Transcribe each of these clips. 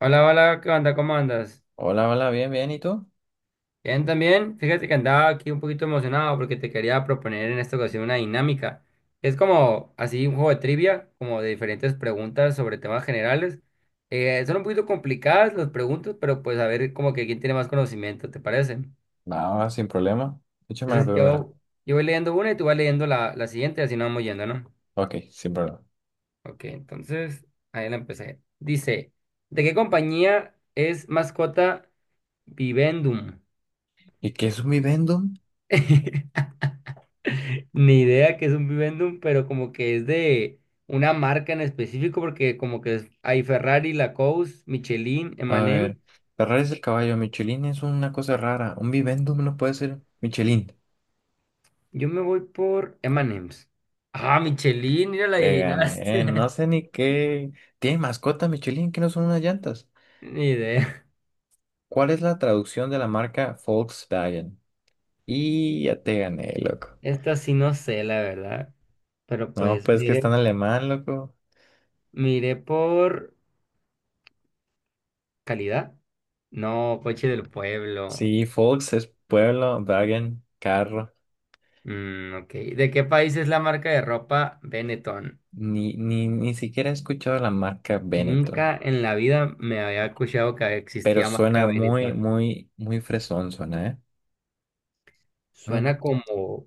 Hola, hola, ¿qué onda? ¿Cómo andas? Hola, hola, bien, bien, ¿y tú? Bien, también. Fíjate que andaba aquí un poquito emocionado porque te quería proponer en esta ocasión una dinámica. Es como así un juego de trivia, como de diferentes preguntas sobre temas generales. Son un poquito complicadas las preguntas, pero pues a ver como que quién tiene más conocimiento, ¿te parece? Nada, sin problema. Échame la Entonces primera. yo voy leyendo una y tú vas leyendo la siguiente, así nos vamos yendo, ¿no? Ok, sin problema. Ok, entonces ahí la empecé. Dice, ¿de qué compañía es mascota Vivendum? ¿Y qué es un vivendum? Ni idea que es un Vivendum, pero como que es de una marca en específico, porque como que hay Ferrari, Lacoste, Michelin, A M&M. ver, Ferrari es el caballo, Michelin es una cosa rara. Un vivendum no puede ser Michelin. Yo me voy por M&M's. Ah, Michelin, mira, la Te gané, no adivinaste. sé ni qué. ¿Tiene mascota Michelin que no son unas llantas? Ni idea. ¿Cuál es la traducción de la marca Volkswagen? Y ya te gané, loco. Esta sí no sé, la verdad. Pero No, pues, pues que está en miré, alemán, loco. miré por calidad. No, coche del pueblo. Sí, Volks es pueblo, Wagen, carro. Mm, ok. ¿De qué país es la marca de ropa Benetton? Ni siquiera he escuchado la marca Benetton, Nunca en la vida me había escuchado que pero existía marca suena muy, Benetton. muy, muy fresón, suena, ¿eh? Mm. Suena como.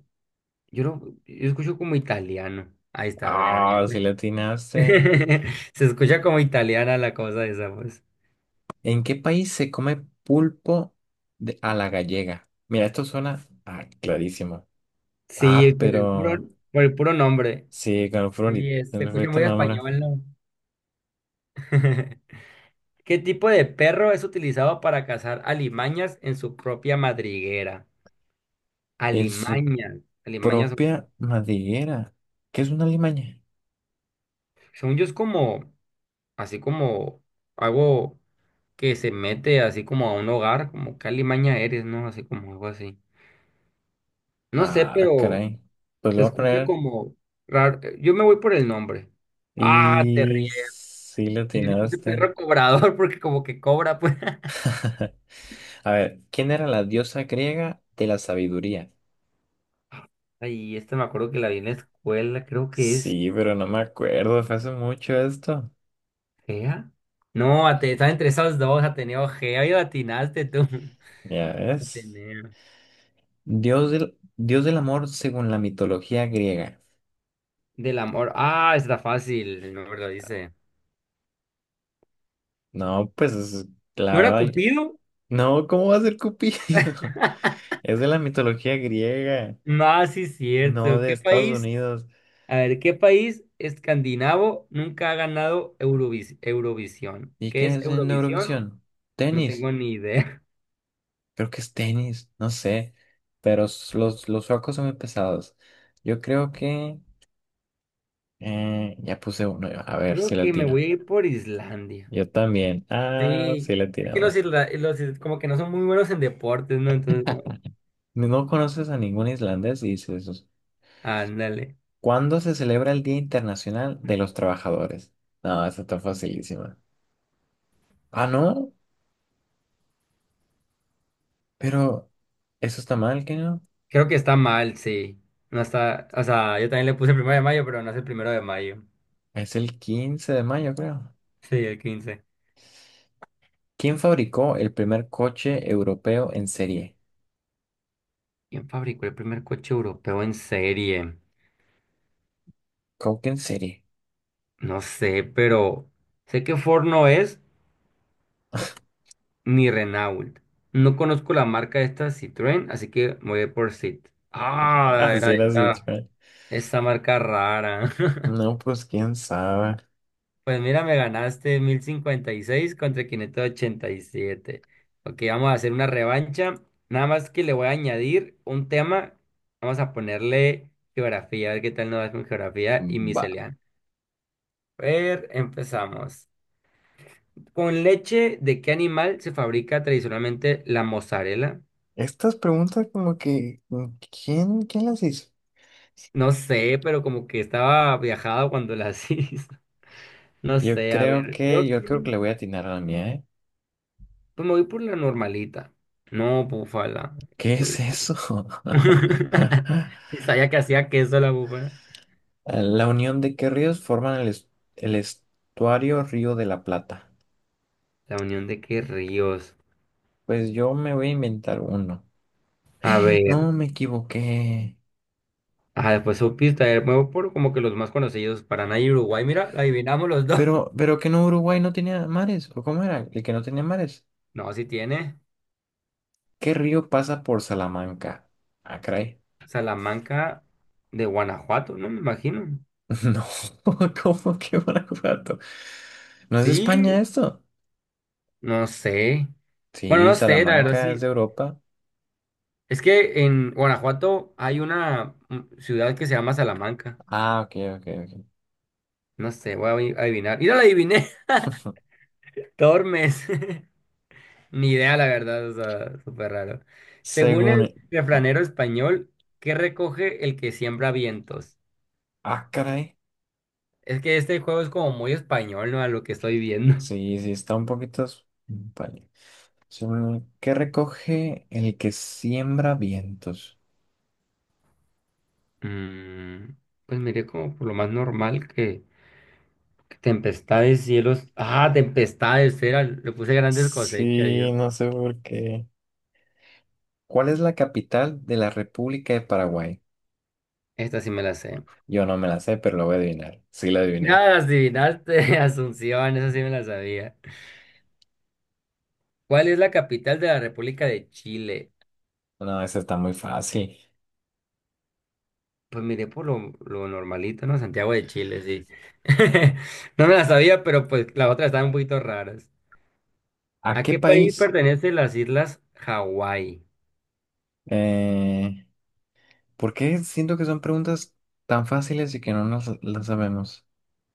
Yo no, yo escucho como italiano. Ahí está, mira, Ah, si le ¿viste? atinaste. Se escucha como italiana la cosa esa, pues. ¿En qué país se come pulpo a la gallega? Mira, esto suena ah, clarísimo. Sí, Ah, por el puro, pero por el puro nombre. sí, Sí, se con el escucha florito muy nombre. español, ¿no? ¿Qué tipo de perro es utilizado para cazar alimañas en su propia madriguera? En su Alimañas, alimañas, propia madriguera. ¿Qué es una limaña? según yo es como, así como algo, que se mete así como a un hogar, como Calimaña eres, ¿no? Así como algo así. No sé, Ah, pero caray. Pues se lo voy a escucha poner como raro. Yo me voy por el nombre. Ah, te ríes. y sí le Yo le puse atinaste. perro cobrador porque como que cobra, pues. A ver, ¿quién era la diosa griega de la sabiduría? Ay, esta me acuerdo que la vi en la escuela, creo que es Sí, pero no me acuerdo, fue hace mucho esto. Gea. No, estaba entre esas dos, Ateneo Gea y atinaste tú. Ya ves. Ateneo. Dios del amor según la mitología griega. Del amor. Ah, está fácil, el nombre lo dice. No, pues la ¿No era verdad, Cupido? no, ¿cómo va a ser Cupido? Es de la mitología griega, No, sí es no cierto. de ¿Qué Estados país? Unidos. A ver, ¿qué país escandinavo nunca ha ganado Eurovisión? ¿Y ¿Qué qué es es en Eurovisión? Eurovisión? No Tenis, tengo ni idea. creo que es tenis, no sé, pero los suecos son muy pesados. Yo creo que... ya puse uno yo. A ver si Creo que me latino. voy a ir por Islandia. Yo también. Ah, Sí, sí aquí los, latinamos. isla- los is- como que no son muy buenos en deportes, ¿no? Entonces, No conoces a ningún islandés y dices eso. ándale. ¿Cuándo se celebra el Día Internacional de los Trabajadores? No, esta está facilísima. Ah, no, pero eso está mal, ¿qué no? Creo que está mal, sí. No está, o sea, yo también le puse el 1 de mayo, pero no es el 1 de mayo. Es el 15 de mayo, creo. Sí, el 15. ¿Quién fabricó el primer coche europeo en serie? ¿Quién fabricó el primer coche europeo en serie? ¿Cómo que en serie? No sé, pero sé que Ford no es, ni Renault. No conozco la marca de esta Citroën, así que me voy a ir por Cit. Ah, Así era era así. esta, marca rara. No, pues quién sabe. Pues mira, me ganaste 1056 contra 587. Ok, vamos a hacer una revancha. Nada más que le voy a añadir un tema. Vamos a ponerle geografía, a ver qué tal nos va con geografía y Va. miscelánea. A ver, empezamos. ¿Con leche de qué animal se fabrica tradicionalmente la mozzarella? Estas preguntas como que, ¿quién las hizo? No sé, pero como que estaba viajado cuando las hizo. No sé, a ver, creo Yo creo que que le voy a atinar a la mía, ¿eh? pues me voy por la normalita. No, búfala. ¿Qué Yo- es eso? Y sabía que hacía queso la búfala. La unión de qué ríos forman el, el estuario Río de la Plata. La unión de qué ríos. Pues yo me voy a inventar uno. A ver, No, me equivoqué. Después supiste, a ver, me voy por como que los más conocidos, Paraná y Uruguay, mira, la adivinamos los dos. Pero que no, Uruguay no tenía mares. ¿O cómo era? El que no tenía mares. No, sí tiene. ¿Qué río pasa por Salamanca? Ah, caray. Salamanca de Guanajuato, no me imagino. No, ¿cómo que Guanajuato? ¿No es España Sí, esto? no sé. Bueno, Sí, no sé, la verdad Salamanca es de sí. Europa. Es que en Guanajuato hay una ciudad que se llama Salamanca. Ah, ok, ok, ok. No sé, voy a adivinar. ¡Y no la adiviné! Tormes. Ni idea, la verdad, o sea, súper raro. Según el Según... Ah, refranero español, ¿qué recoge el que siembra vientos? ah, caray. Es que este juego es como muy español, ¿no? A lo que estoy viendo. Sí, sí, está un poquito... Vale. ¿Qué recoge el que siembra vientos? Mm, pues miré como por lo más normal que tempestades, cielos. Ah, tempestades, era, le puse grandes cosechas Sí, yo. no sé por qué. ¿Cuál es la capital de la República de Paraguay? Esta sí me la sé. Yo no me la sé, pero lo voy a adivinar. Sí, la adiviné. Nada, las adivinaste, Asunción, eso sí me la sabía. ¿Cuál es la capital de la República de Chile? No, esa está muy fácil. Pues miré por lo normalito, ¿no? Santiago de Chile, sí. No me la sabía, pero pues las otras estaban un poquito raras. ¿A ¿A qué qué país país? pertenecen las islas Hawái? Eh, ¿Por qué siento que son preguntas tan fáciles y que no nos las sabemos?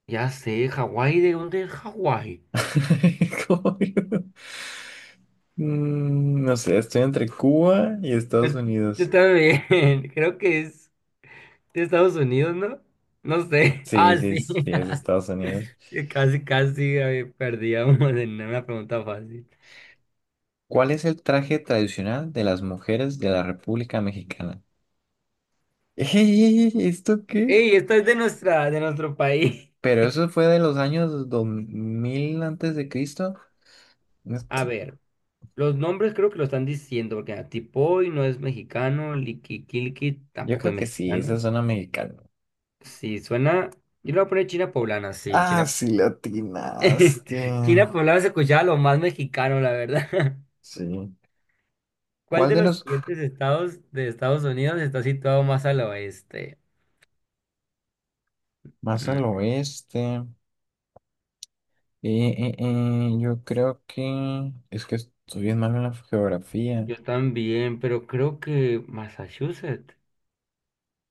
Ya sé, Hawái, ¿de dónde es Hawái? Como yo. Mm, no sé, estoy entre Cuba y Estados Et- Unidos. Está bien, creo que es de Estados Unidos, ¿no? No sé. Sí, Ah, sí, sí. sí, es Estados Unidos. Casi, casi perdíamos en una pregunta fácil. ¿Cuál es el traje tradicional de las mujeres de la República Mexicana? ¡Ey! ¿Esto qué? Ey, esta es de nuestro país. Pero eso fue de los años 2000 antes de Cristo. A Esto- ver, los nombres creo que lo están diciendo, porque mira, Tipoy no es mexicano, Liquiquilqui Yo tampoco es creo que sí, mexicano. esa zona mexicana. Sí, suena. Yo le voy a poner China poblana, sí, Ah, China. sí, latinaste. China poblana se escuchaba lo más mexicano, la verdad. Sí. ¿Cuál ¿Cuál de de los los siguientes estados de Estados Unidos está situado más al oeste? más Mm, al oeste? Yo creo que es que estoy bien malo en la geografía. yo también, pero creo que Massachusetts.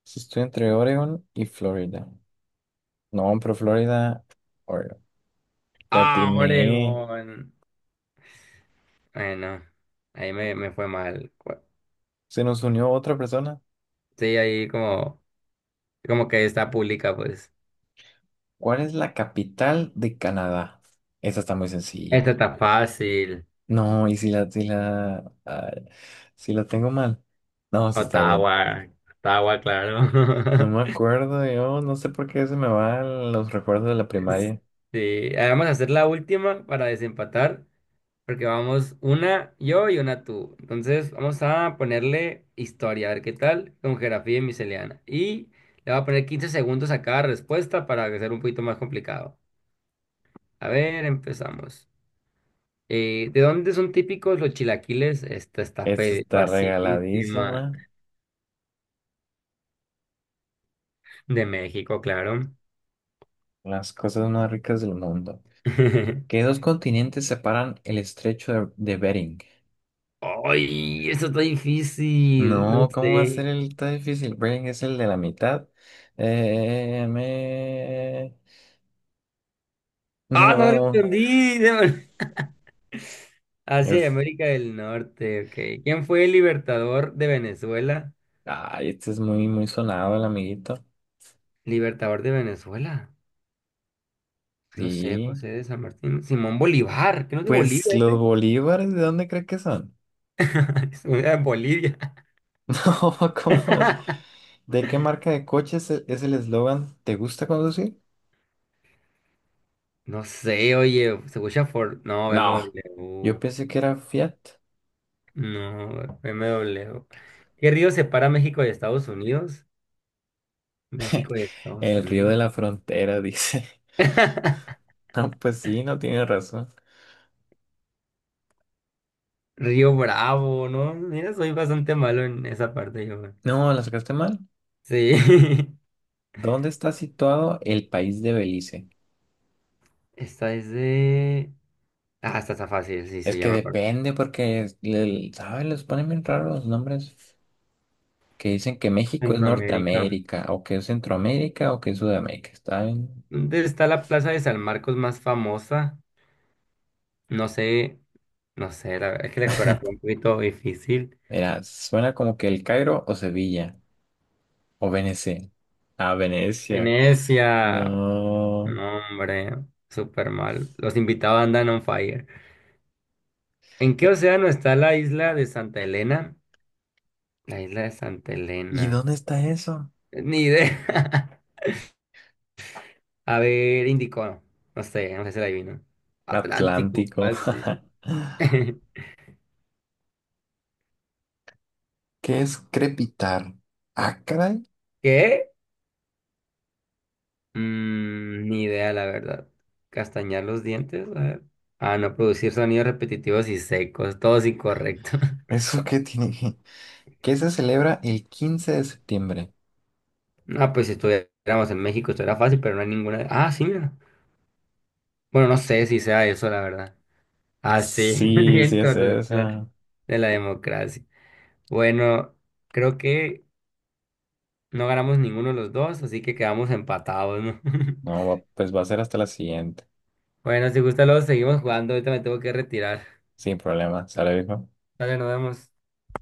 Sí, estoy entre Oregon y Florida. No, pero Florida, Oregon. La Ah, atiné. Oregón. Bueno, ahí me fue mal. Se nos unió otra persona. Sí, ahí como que está pública, pues. ¿Cuál es la capital de Canadá? Esa está muy sencilla. Esta está fácil. No, y si la, si la, ay, si la tengo mal. No, sí está bien. Ottawa, Ottawa, No claro. me acuerdo, yo no sé por qué se me van los recuerdos de la primaria. Sí, vamos a hacer la última para desempatar, porque vamos una yo y una tú. Entonces, vamos a ponerle historia, a ver qué tal, con geografía y miscelánea. Y le voy a poner 15 segundos a cada respuesta para que sea un poquito más complicado. A ver, empezamos. ¿De dónde son típicos los chilaquiles? Esta está Esta está facilísima. regaladísima. De México, claro. Las cosas más ricas del mundo. ¿Qué dos continentes separan el estrecho de Bering? ¡Ay! Eso está difícil. No No, ¿cómo va a ser sé. el tan difícil? Bering es el de la mitad. Eh, me... ¡Ah, no lo No, entendí! Asia y es... América del Norte, ok. ¿Quién fue el libertador de Venezuela? Ay, este es muy, muy sonado, el amiguito. Libertador de Venezuela. No sé, Sí. José de San Martín. Simón Bolívar, que no es de Pues Bolivia, los ¿ese? bolívares, ¿de dónde cree que son? Es de Bolivia. No, ¿cómo vas? ¿De qué marca de coches es el eslogan? ¿Te gusta conducir? No sé, oye, se escucha Ford. No, B No, M yo W, pensé que era Fiat. No, B M W. ¿Qué río separa México de Estados Unidos? México y Estados El río Unidos. de la frontera, dice. No, pues sí, no tiene razón. Río Bravo, ¿no? Mira, soy bastante malo en esa parte yo, güey. No, la sacaste mal. Sí. ¿Dónde está situado el país de Belice? Esta es de... Ah, esta está fácil, sí, Es sí, ya que me acuerdo. depende porque, ¿sabes? Les ponen bien raros los nombres que dicen que México es Centroamérica. Norteamérica o que es Centroamérica o que es Sudamérica. Está bien. ¿Dónde está la plaza de San Marcos más famosa? No sé, no sé, la es que la geografía es un poquito difícil. Mira, suena como que el Cairo o Sevilla o Venecia. Ah, Venecia. Venecia. No. No, hombre, súper mal. Los invitados andan on fire. ¿En qué océano está la isla de Santa Elena? La isla de Santa ¿Y Elena. dónde está eso? Ni idea. A ver, Índico. No, no sé, no sé si la adivino. Atlántico, Atlántico. así. ¿Qué es crepitar? ¿Acra? ¿Qué? Ni idea, la verdad. Castañar los dientes, a ver. Ah, no, producir sonidos repetitivos y secos, todos incorrectos. ¿Eso qué tiene? ¿Qué se celebra el 15 de septiembre? No, pues si estuviéramos en México, esto era fácil, pero no hay ninguna. Ah, sí, mira. Bueno, no sé si sea eso, la verdad. Ah, sí, Sí, sí bien, es correcto, de la esa. de la democracia. Bueno, creo que. No ganamos ninguno de los dos, así que quedamos empatados, ¿no? No, pues va a ser hasta la siguiente. Bueno, si gusta, luego seguimos jugando. Ahorita me tengo que retirar. Sin problema, ¿sale, viejo? Dale, nos vemos.